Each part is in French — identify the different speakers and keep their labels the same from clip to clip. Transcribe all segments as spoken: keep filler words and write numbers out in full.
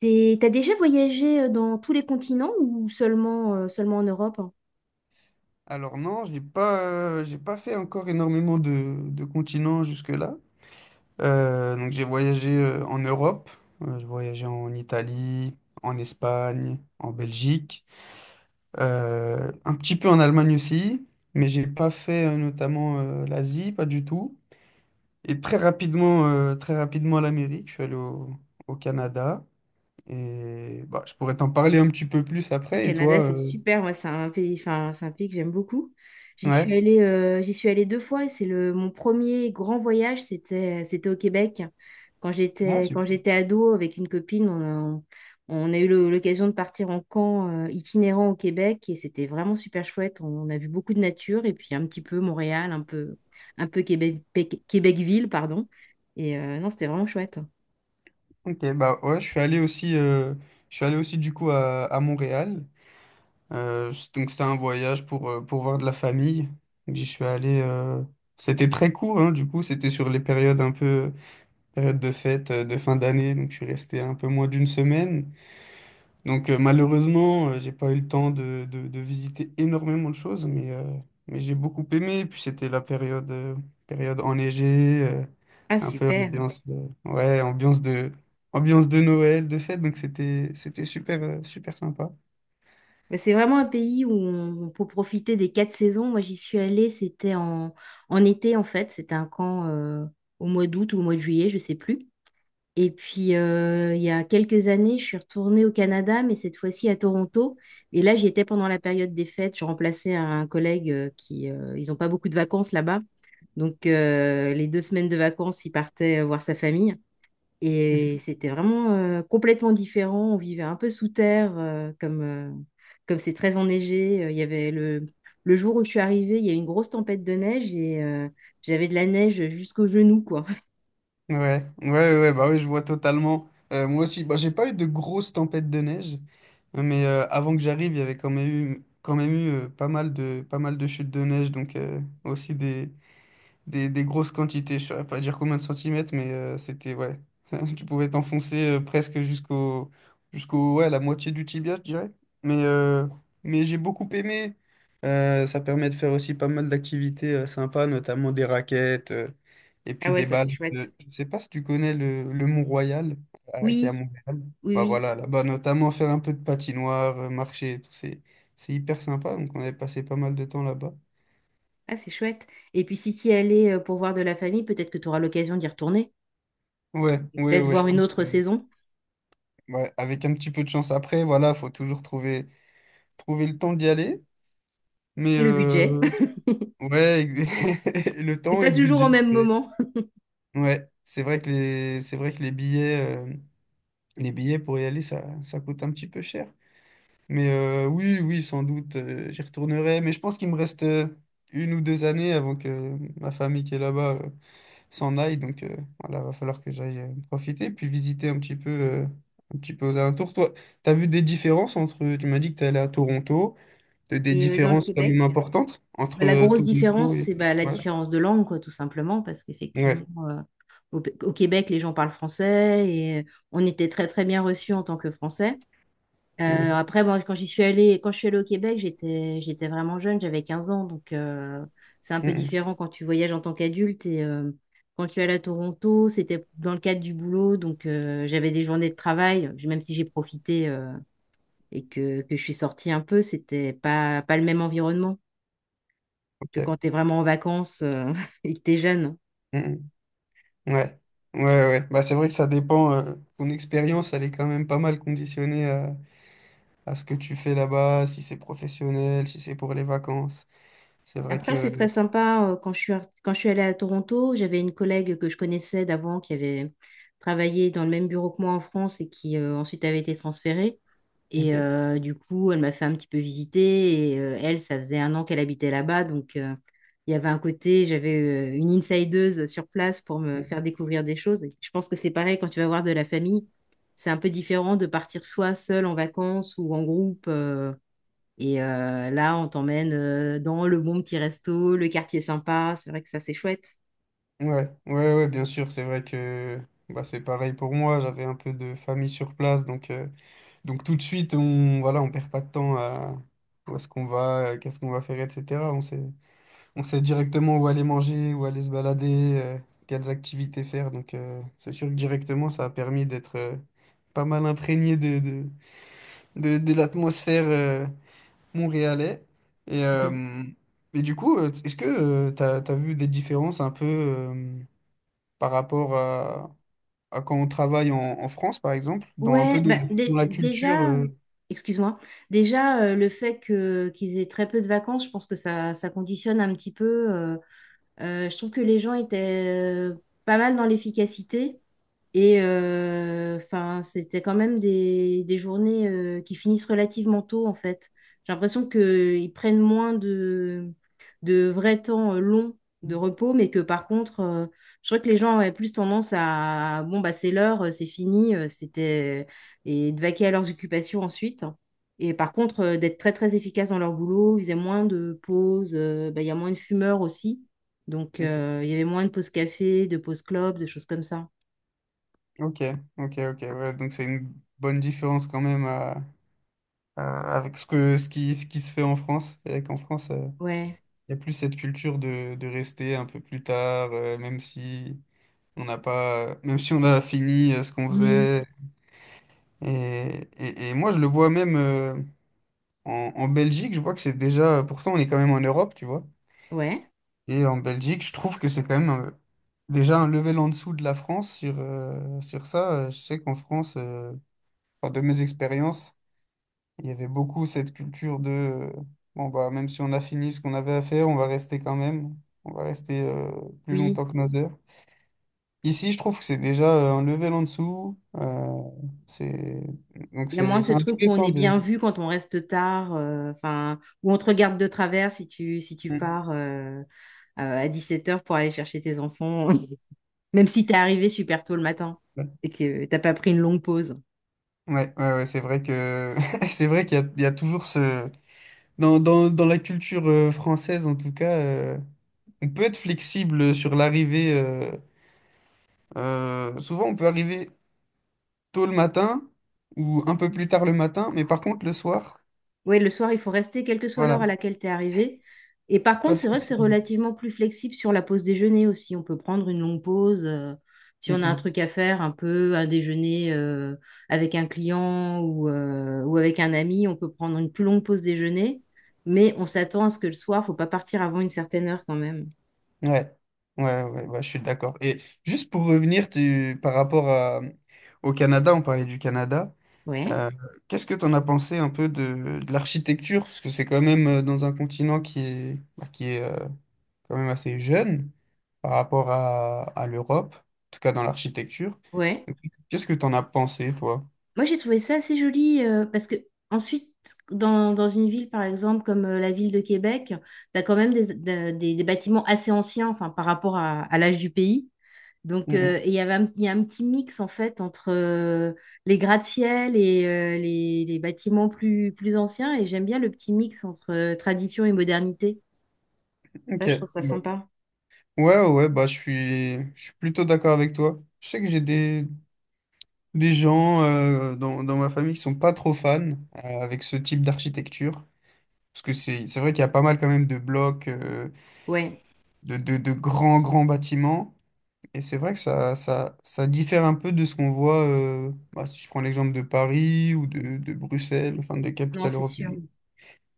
Speaker 1: T'es- T'as déjà voyagé euh, dans tous les continents ou seulement, euh, seulement en Europe?
Speaker 2: Alors non, je n'ai pas, euh, j'ai pas fait encore énormément de, de continents jusque-là. Euh, donc j'ai voyagé euh, en Europe, euh, j'ai voyagé en Italie, en Espagne, en Belgique, euh, un petit peu en Allemagne aussi, mais j'ai pas fait euh, notamment euh, l'Asie, pas du tout. Et très rapidement, euh, très rapidement l'Amérique, je suis allé au, au Canada. Et bah, je pourrais t'en parler un petit peu plus
Speaker 1: Le
Speaker 2: après. Et
Speaker 1: Canada,
Speaker 2: toi,
Speaker 1: c'est
Speaker 2: euh,
Speaker 1: super. Moi, c'est un pays, enfin, c'est un pays que j'aime beaucoup. J'y suis
Speaker 2: ouais.
Speaker 1: allée, euh, j'y suis allée deux fois. Et c'est le mon premier grand voyage. C'était, euh, c'était au Québec. Quand
Speaker 2: Ah,
Speaker 1: j'étais, quand
Speaker 2: super.
Speaker 1: j'étais ado avec une copine, on a, on a eu le- l'occasion de partir en camp euh, itinérant au Québec et c'était vraiment super chouette. On a vu beaucoup de nature et puis un petit peu Montréal, un peu, un peu Québec, Québec- Québecville, pardon. Et euh, non, c'était vraiment chouette.
Speaker 2: Ok, bah ouais, je suis allé aussi, euh, je suis allé aussi du coup à, à Montréal. Euh, c- donc c'était un voyage pour, euh, pour voir de la famille. Donc, j'y suis allé. euh, C'était très court, hein, du coup, c'était sur les périodes un peu période de fête, euh, de fin d'année. Donc je suis resté un peu moins d'une semaine. Donc euh, malheureusement, euh, j'ai pas eu le temps de, de, de visiter énormément de choses, mais, euh, mais j'ai beaucoup aimé. Puis c'était la période, euh, période enneigée. Euh,
Speaker 1: Ah,
Speaker 2: un peu
Speaker 1: super.
Speaker 2: ambiance, euh, ouais, ambiance de, ambiance de Noël, de fête, donc c'était, c'était super, euh, super sympa.
Speaker 1: Mais c'est vraiment un pays où on on peut profiter des quatre saisons. Moi, j'y suis allée, c'était en, en été en fait. C'était un camp euh, au mois d'août ou au mois de juillet, je sais plus. Et puis, euh, il y a quelques années, je suis retournée au Canada, mais cette fois-ci à Toronto. Et là, j'y étais pendant la période des fêtes. Je remplaçais un collègue, euh, qui, euh, ils n'ont pas beaucoup de vacances là-bas. Donc, euh, les deux semaines de vacances, il partait voir sa famille. Et c'était vraiment euh, complètement différent. On vivait un peu sous terre, euh, comme, euh, comme c'est très enneigé. Euh, Il y avait le, le jour où je suis arrivée, il y a eu une grosse tempête de neige et euh, j'avais de la neige jusqu'aux genoux, quoi.
Speaker 2: Ouais, ouais, ouais, bah oui, je vois totalement. Euh, moi aussi, bah, j'ai pas eu de grosses tempêtes de neige, hein, mais euh, avant que j'arrive, il y avait quand même eu, quand même eu euh, pas mal de, pas mal de chutes de neige, donc euh, aussi des, des, des grosses quantités. Je ne saurais pas dire combien de centimètres, mais euh, c'était, ouais. Tu pouvais t'enfoncer euh, presque jusqu'au, jusqu'au, ouais, la moitié du tibia, je dirais. Mais, euh, mais j'ai beaucoup aimé. Euh, ça permet de faire aussi pas mal d'activités euh, sympas, notamment des raquettes euh, et
Speaker 1: Ah
Speaker 2: puis
Speaker 1: ouais,
Speaker 2: des
Speaker 1: ça c'est
Speaker 2: balles.
Speaker 1: chouette.
Speaker 2: de- Je ne sais pas si tu connais le, le Mont-Royal euh, qui est à
Speaker 1: Oui,
Speaker 2: Montréal.
Speaker 1: oui,
Speaker 2: Bah
Speaker 1: oui.
Speaker 2: voilà, là-bas, notamment faire un peu de patinoire, euh, marcher et tout. C'est, c'est hyper sympa. Donc, on avait passé pas mal de temps là-bas.
Speaker 1: Ah, c'est chouette. Et puis si tu y allais euh, pour voir de la famille, peut-être que tu auras l'occasion d'y retourner.
Speaker 2: Ouais,
Speaker 1: Et
Speaker 2: ouais,
Speaker 1: peut-être
Speaker 2: ouais, je
Speaker 1: voir une
Speaker 2: pense que.
Speaker 1: autre saison.
Speaker 2: Ouais, avec un petit peu de chance après, voilà, faut toujours trouver, trouver le temps d'y aller. Mais
Speaker 1: Et le budget.
Speaker 2: euh, ouais, le
Speaker 1: C'est
Speaker 2: temps et
Speaker 1: pas
Speaker 2: le
Speaker 1: toujours au
Speaker 2: budget.
Speaker 1: même
Speaker 2: Mais
Speaker 1: moment.
Speaker 2: ouais, c'est vrai que les, c'est vrai que les billets, euh, les billets pour y aller, ça, ça coûte un petit peu cher. Mais euh, oui, oui, sans doute, euh, j'y retournerai. Mais je pense qu'il me reste euh, une ou deux années avant que ma famille qui est là-bas euh, s'en aille. Donc euh, voilà, va falloir que j'aille euh, profiter, puis visiter un petit peu, euh, un petit peu aux alentours. Toi, t'as vu des différences entre, tu m'as dit que tu allé à Toronto, t'as des
Speaker 1: Et euh, dans le
Speaker 2: différences quand même
Speaker 1: Québec,
Speaker 2: importantes entre
Speaker 1: bah, la
Speaker 2: euh,
Speaker 1: grosse différence,
Speaker 2: Toronto et...
Speaker 1: c'est bah, la
Speaker 2: Ouais,
Speaker 1: différence de langue, quoi, tout simplement, parce qu'effectivement.
Speaker 2: ouais,
Speaker 1: euh, Au, au Québec, les gens parlent français et euh, on était très très bien reçus en tant que Français. Euh,
Speaker 2: ouais.
Speaker 1: après, bon, quand j'y suis allée, quand je suis allée au Québec, j'étais j'étais vraiment jeune, j'avais quinze ans, donc euh, c'est un
Speaker 2: Mm,
Speaker 1: peu
Speaker 2: mm,
Speaker 1: différent quand tu voyages en tant qu'adulte et euh, quand je suis allée à Toronto, c'était dans le cadre du boulot, donc euh, j'avais des journées de travail. J'ai- même si j'ai profité euh, et que, que je suis sortie un peu, c'était pas, pas le même environnement que
Speaker 2: ok.
Speaker 1: quand tu es vraiment en vacances, euh, et que tu es jeune.
Speaker 2: Mm, mm. Ouais. Ouais, ouais. Bah, c'est vrai que ça dépend. Euh, ton expérience, elle est quand même pas mal conditionnée à, à ce que tu fais là-bas, si c'est professionnel, si c'est pour les vacances. C'est vrai
Speaker 1: Après,
Speaker 2: que...
Speaker 1: c'est très sympa. euh, Quand je suis, ar- quand je suis allée à Toronto, j'avais une collègue que je connaissais d'avant qui avait travaillé dans le même bureau que moi en France et qui euh, ensuite avait été transférée. Et
Speaker 2: Ok.
Speaker 1: euh, du coup, elle m'a fait un petit peu visiter. Et euh, elle, ça faisait un an qu'elle habitait là-bas. Donc, euh, il y avait un côté, j'avais euh, une insideuse sur place pour me
Speaker 2: Hum,
Speaker 1: faire découvrir des choses. Et je pense que c'est pareil quand tu vas voir de la famille. C'est un peu différent de partir soit seul en vacances ou en groupe. euh, et euh, là, on t'emmène euh, dans le bon petit resto, le quartier sympa. C'est vrai que ça, c'est chouette.
Speaker 2: ouais, ouais, ouais, bien sûr, c'est vrai que bah, c'est pareil pour moi, j'avais un peu de famille sur place, donc, euh, donc tout de suite, on voilà, on perd pas de temps à où est-ce qu'on va, euh, qu'est-ce qu'on va faire, et cetera. On sait, on sait directement où aller manger, où aller se balader, euh, quelles activités faire, donc euh, c'est sûr que directement, ça a permis d'être euh, pas mal imprégné de, de, de, de l'atmosphère euh, montréalais. Et,
Speaker 1: Mhm.
Speaker 2: euh, et du coup, euh, est-ce que tu as vu des différences un peu... euh, par rapport à, à quand on travaille en, en France, par exemple, dans un peu
Speaker 1: Ouais,
Speaker 2: dans
Speaker 1: bah,
Speaker 2: la, dans
Speaker 1: dé-
Speaker 2: la culture.
Speaker 1: déjà, euh,
Speaker 2: euh,
Speaker 1: excuse-moi, déjà, euh, le fait que qu'ils aient très peu de vacances, je pense que ça, ça conditionne un petit peu. Euh, je trouve que les gens étaient euh, pas mal dans l'efficacité et euh, enfin, c'était quand même des, des journées euh, qui finissent relativement tôt en fait. J'ai l'impression qu'ils prennent moins de, de vrais temps euh, longs de repos, mais que par contre, euh, je crois que les gens avaient plus tendance à bon bah c'est l'heure, euh, c'est fini, euh, c'était et de vaquer à leurs occupations ensuite, hein. Et par contre, euh, d'être très très efficaces dans leur boulot, ils faisaient moins de pauses, euh, bah, il y a moins de fumeurs aussi. Donc,
Speaker 2: Ok,
Speaker 1: euh, il y avait moins de pauses café, de pauses club, de choses comme ça.
Speaker 2: ok, ok, ok, ouais, donc c'est une bonne différence quand même à- à- avec ce que, ce qui, ce qui se fait en France. Et qu'en France, euh,
Speaker 1: Ouais.
Speaker 2: il y a plus cette culture de, de rester un peu plus tard, euh, même si on n'a pas, euh, même si on a fini euh, ce qu'on
Speaker 1: Oui.
Speaker 2: faisait. Et, et, et moi, je le vois même euh, en, en Belgique, je vois que c'est déjà, pourtant on est quand même en Europe, tu vois.
Speaker 1: Ouais.
Speaker 2: Et en Belgique, je trouve que c'est quand même euh, déjà un level en dessous de la France sur, euh, sur ça. Euh, Je sais qu'en France, euh, enfin, de mes expériences, il y avait beaucoup cette culture de euh, bon bah même si on a fini ce qu'on avait à faire, on va rester quand même, on va rester euh, plus
Speaker 1: Oui.
Speaker 2: longtemps que nos heures. Ici, je trouve que c'est déjà euh, un level en dessous. Euh, c'est donc
Speaker 1: Il y a moins
Speaker 2: c'est
Speaker 1: de ce
Speaker 2: c'est
Speaker 1: truc où on
Speaker 2: intéressant
Speaker 1: est
Speaker 2: de.
Speaker 1: bien vu quand on reste tard, euh, enfin, où on te regarde de travers si tu, si tu
Speaker 2: Mm.
Speaker 1: pars euh, à à dix-sept heures pour aller chercher tes enfants, même si t'es arrivé super tôt le matin
Speaker 2: Ouais,
Speaker 1: et que t'as pas pris une longue pause.
Speaker 2: ouais, ouais, c'est vrai que c'est vrai qu'il y a, il y a toujours ce dans, dans, dans la culture euh, française, en tout cas, euh, on peut être flexible euh, sur l'arrivée. Euh, euh, souvent, on peut arriver tôt le matin ou un peu plus tard le matin, mais par contre, le soir,
Speaker 1: Oui, le soir, il faut rester quelle que soit l'heure
Speaker 2: voilà,
Speaker 1: à laquelle tu es arrivé. Et par
Speaker 2: pas
Speaker 1: contre,
Speaker 2: de
Speaker 1: c'est vrai que c'est
Speaker 2: flexibilité.
Speaker 1: relativement plus flexible sur la pause déjeuner aussi. On peut prendre une longue pause euh, si
Speaker 2: Mm,
Speaker 1: on a un
Speaker 2: mm.
Speaker 1: truc à faire, un peu un déjeuner euh, avec un client ou, euh, ou avec un ami. On peut prendre une plus longue pause déjeuner, mais on s'attend à ce que le soir, faut pas partir avant une certaine heure quand même.
Speaker 2: Ouais, ouais, ouais, ouais, je suis d'accord. Et juste pour revenir tu- par rapport à- au Canada, on parlait du Canada.
Speaker 1: Ouais,
Speaker 2: euh, Qu'est-ce que tu en as pensé un peu de, de l'architecture? Parce que c'est quand même euh, dans un continent qui est, bah, qui est euh, quand même assez jeune. Par rapport à, à l'Europe, en tout cas dans l'architecture.
Speaker 1: ouais.
Speaker 2: Qu'est-ce que tu en as pensé, toi?
Speaker 1: Moi, j'ai trouvé ça assez joli euh, parce que ensuite, dans, dans une ville, par exemple, comme euh, la ville de Québec, tu as quand même des, des- des- des bâtiments assez anciens enfin, par rapport à, à l'âge du pays. Donc, euh,
Speaker 2: Mhm.
Speaker 1: et il y avait un, il y a un petit mix, en fait, entre euh, les gratte-ciel et euh, les, les bâtiments plus, plus anciens. Et j'aime bien le petit mix entre euh, tradition et modernité. Ça,
Speaker 2: Ok.
Speaker 1: je trouve
Speaker 2: Ouais,
Speaker 1: ça sympa.
Speaker 2: ouais, ouais, bah, je suis, je suis plutôt d'accord avec toi. Je sais que j'ai des, des gens euh, dans, dans ma famille qui sont pas trop fans euh, avec ce type d'architecture. Parce que c'est, c'est vrai qu'il y a pas mal quand même de blocs, euh,
Speaker 1: Ouais.
Speaker 2: de, de, de grands, grands bâtiments. Et c'est vrai que ça, ça, ça diffère un peu de ce qu'on voit, euh, bah, si je prends l'exemple de Paris ou de, de Bruxelles, enfin des
Speaker 1: Non,
Speaker 2: capitales
Speaker 1: c'est sûr.
Speaker 2: européennes.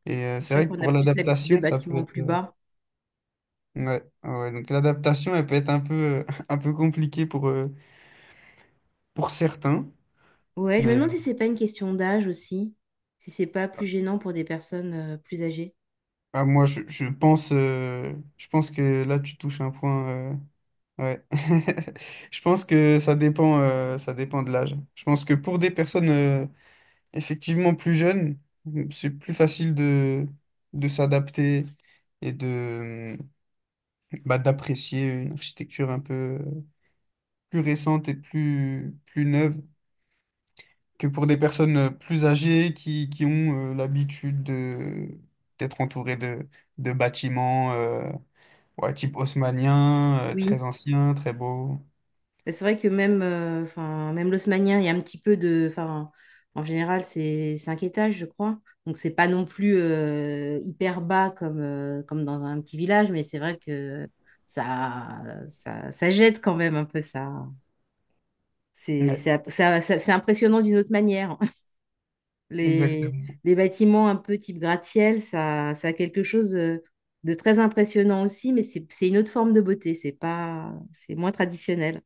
Speaker 2: Et euh,
Speaker 1: C'est
Speaker 2: c'est
Speaker 1: sûr
Speaker 2: vrai que
Speaker 1: qu'on a
Speaker 2: pour
Speaker 1: plus l'habitude de
Speaker 2: l'adaptation, ça peut
Speaker 1: bâtiments
Speaker 2: être.
Speaker 1: plus
Speaker 2: Euh,
Speaker 1: bas.
Speaker 2: ouais, ouais. Donc l'adaptation, elle peut être un peu, un peu compliquée pour, euh, pour certains.
Speaker 1: Ouais, je me
Speaker 2: Mais euh,
Speaker 1: demande si c'est pas une question d'âge aussi, si c'est pas plus gênant pour des personnes euh, plus âgées.
Speaker 2: ah, moi, je, je pense, euh, je pense que là, tu touches un point. Euh, ouais. Je pense que ça dépend, euh, ça dépend de l'âge. Je pense que pour des personnes euh, effectivement plus jeunes, c'est plus facile de, de s'adapter et de, bah, d'apprécier une architecture un peu euh, plus récente et plus, plus neuve. Que pour des personnes euh, plus âgées qui, qui ont euh, l'habitude de d'être entourées de, de bâtiments euh, ouais, type haussmannien, euh,
Speaker 1: Oui.
Speaker 2: très anciens, très beaux.
Speaker 1: Bah, c'est vrai que même, euh, enfin, même l'haussmannien, il y a un petit peu de, enfin, en général, c'est cinq étages, je crois. Donc c'est pas non plus euh, hyper bas comme, euh, comme dans un petit village, mais c'est vrai que ça, ça, ça jette quand même un peu ça. C'est,
Speaker 2: Ouais,
Speaker 1: ça, ça- ça- c'est impressionnant d'une autre manière. Les,
Speaker 2: exactement.
Speaker 1: les bâtiments un peu type gratte-ciel, ça, ça a quelque chose euh, de très impressionnant aussi, mais c'est c'est une autre forme de beauté, c'est pas, c'est moins traditionnel.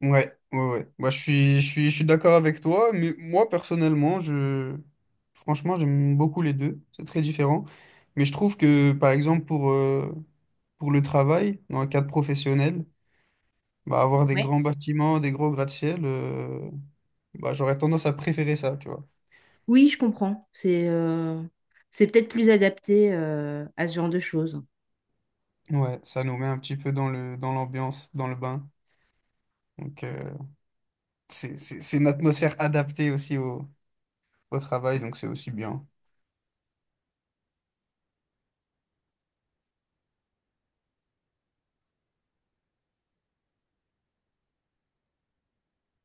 Speaker 2: Ouais, ouais, ouais. Moi, je suis, je suis, je suis d'accord avec toi, mais moi, personnellement, je... franchement, j'aime beaucoup les deux. C'est très différent. Mais je trouve que, par exemple, pour, euh, pour le travail, dans le cadre professionnel, bah, avoir des
Speaker 1: Ouais.
Speaker 2: grands bâtiments, des gros gratte-ciel, euh, bah, j'aurais tendance à préférer ça, tu vois.
Speaker 1: Oui, je comprends. C'est euh, c'est peut-être plus adapté euh, à ce genre de choses.
Speaker 2: Ouais, ça nous met un petit peu dans le, dans l'ambiance, dans le bain. Donc, euh, c'est, c'est, c'est une atmosphère adaptée aussi au, au travail, donc c'est aussi bien.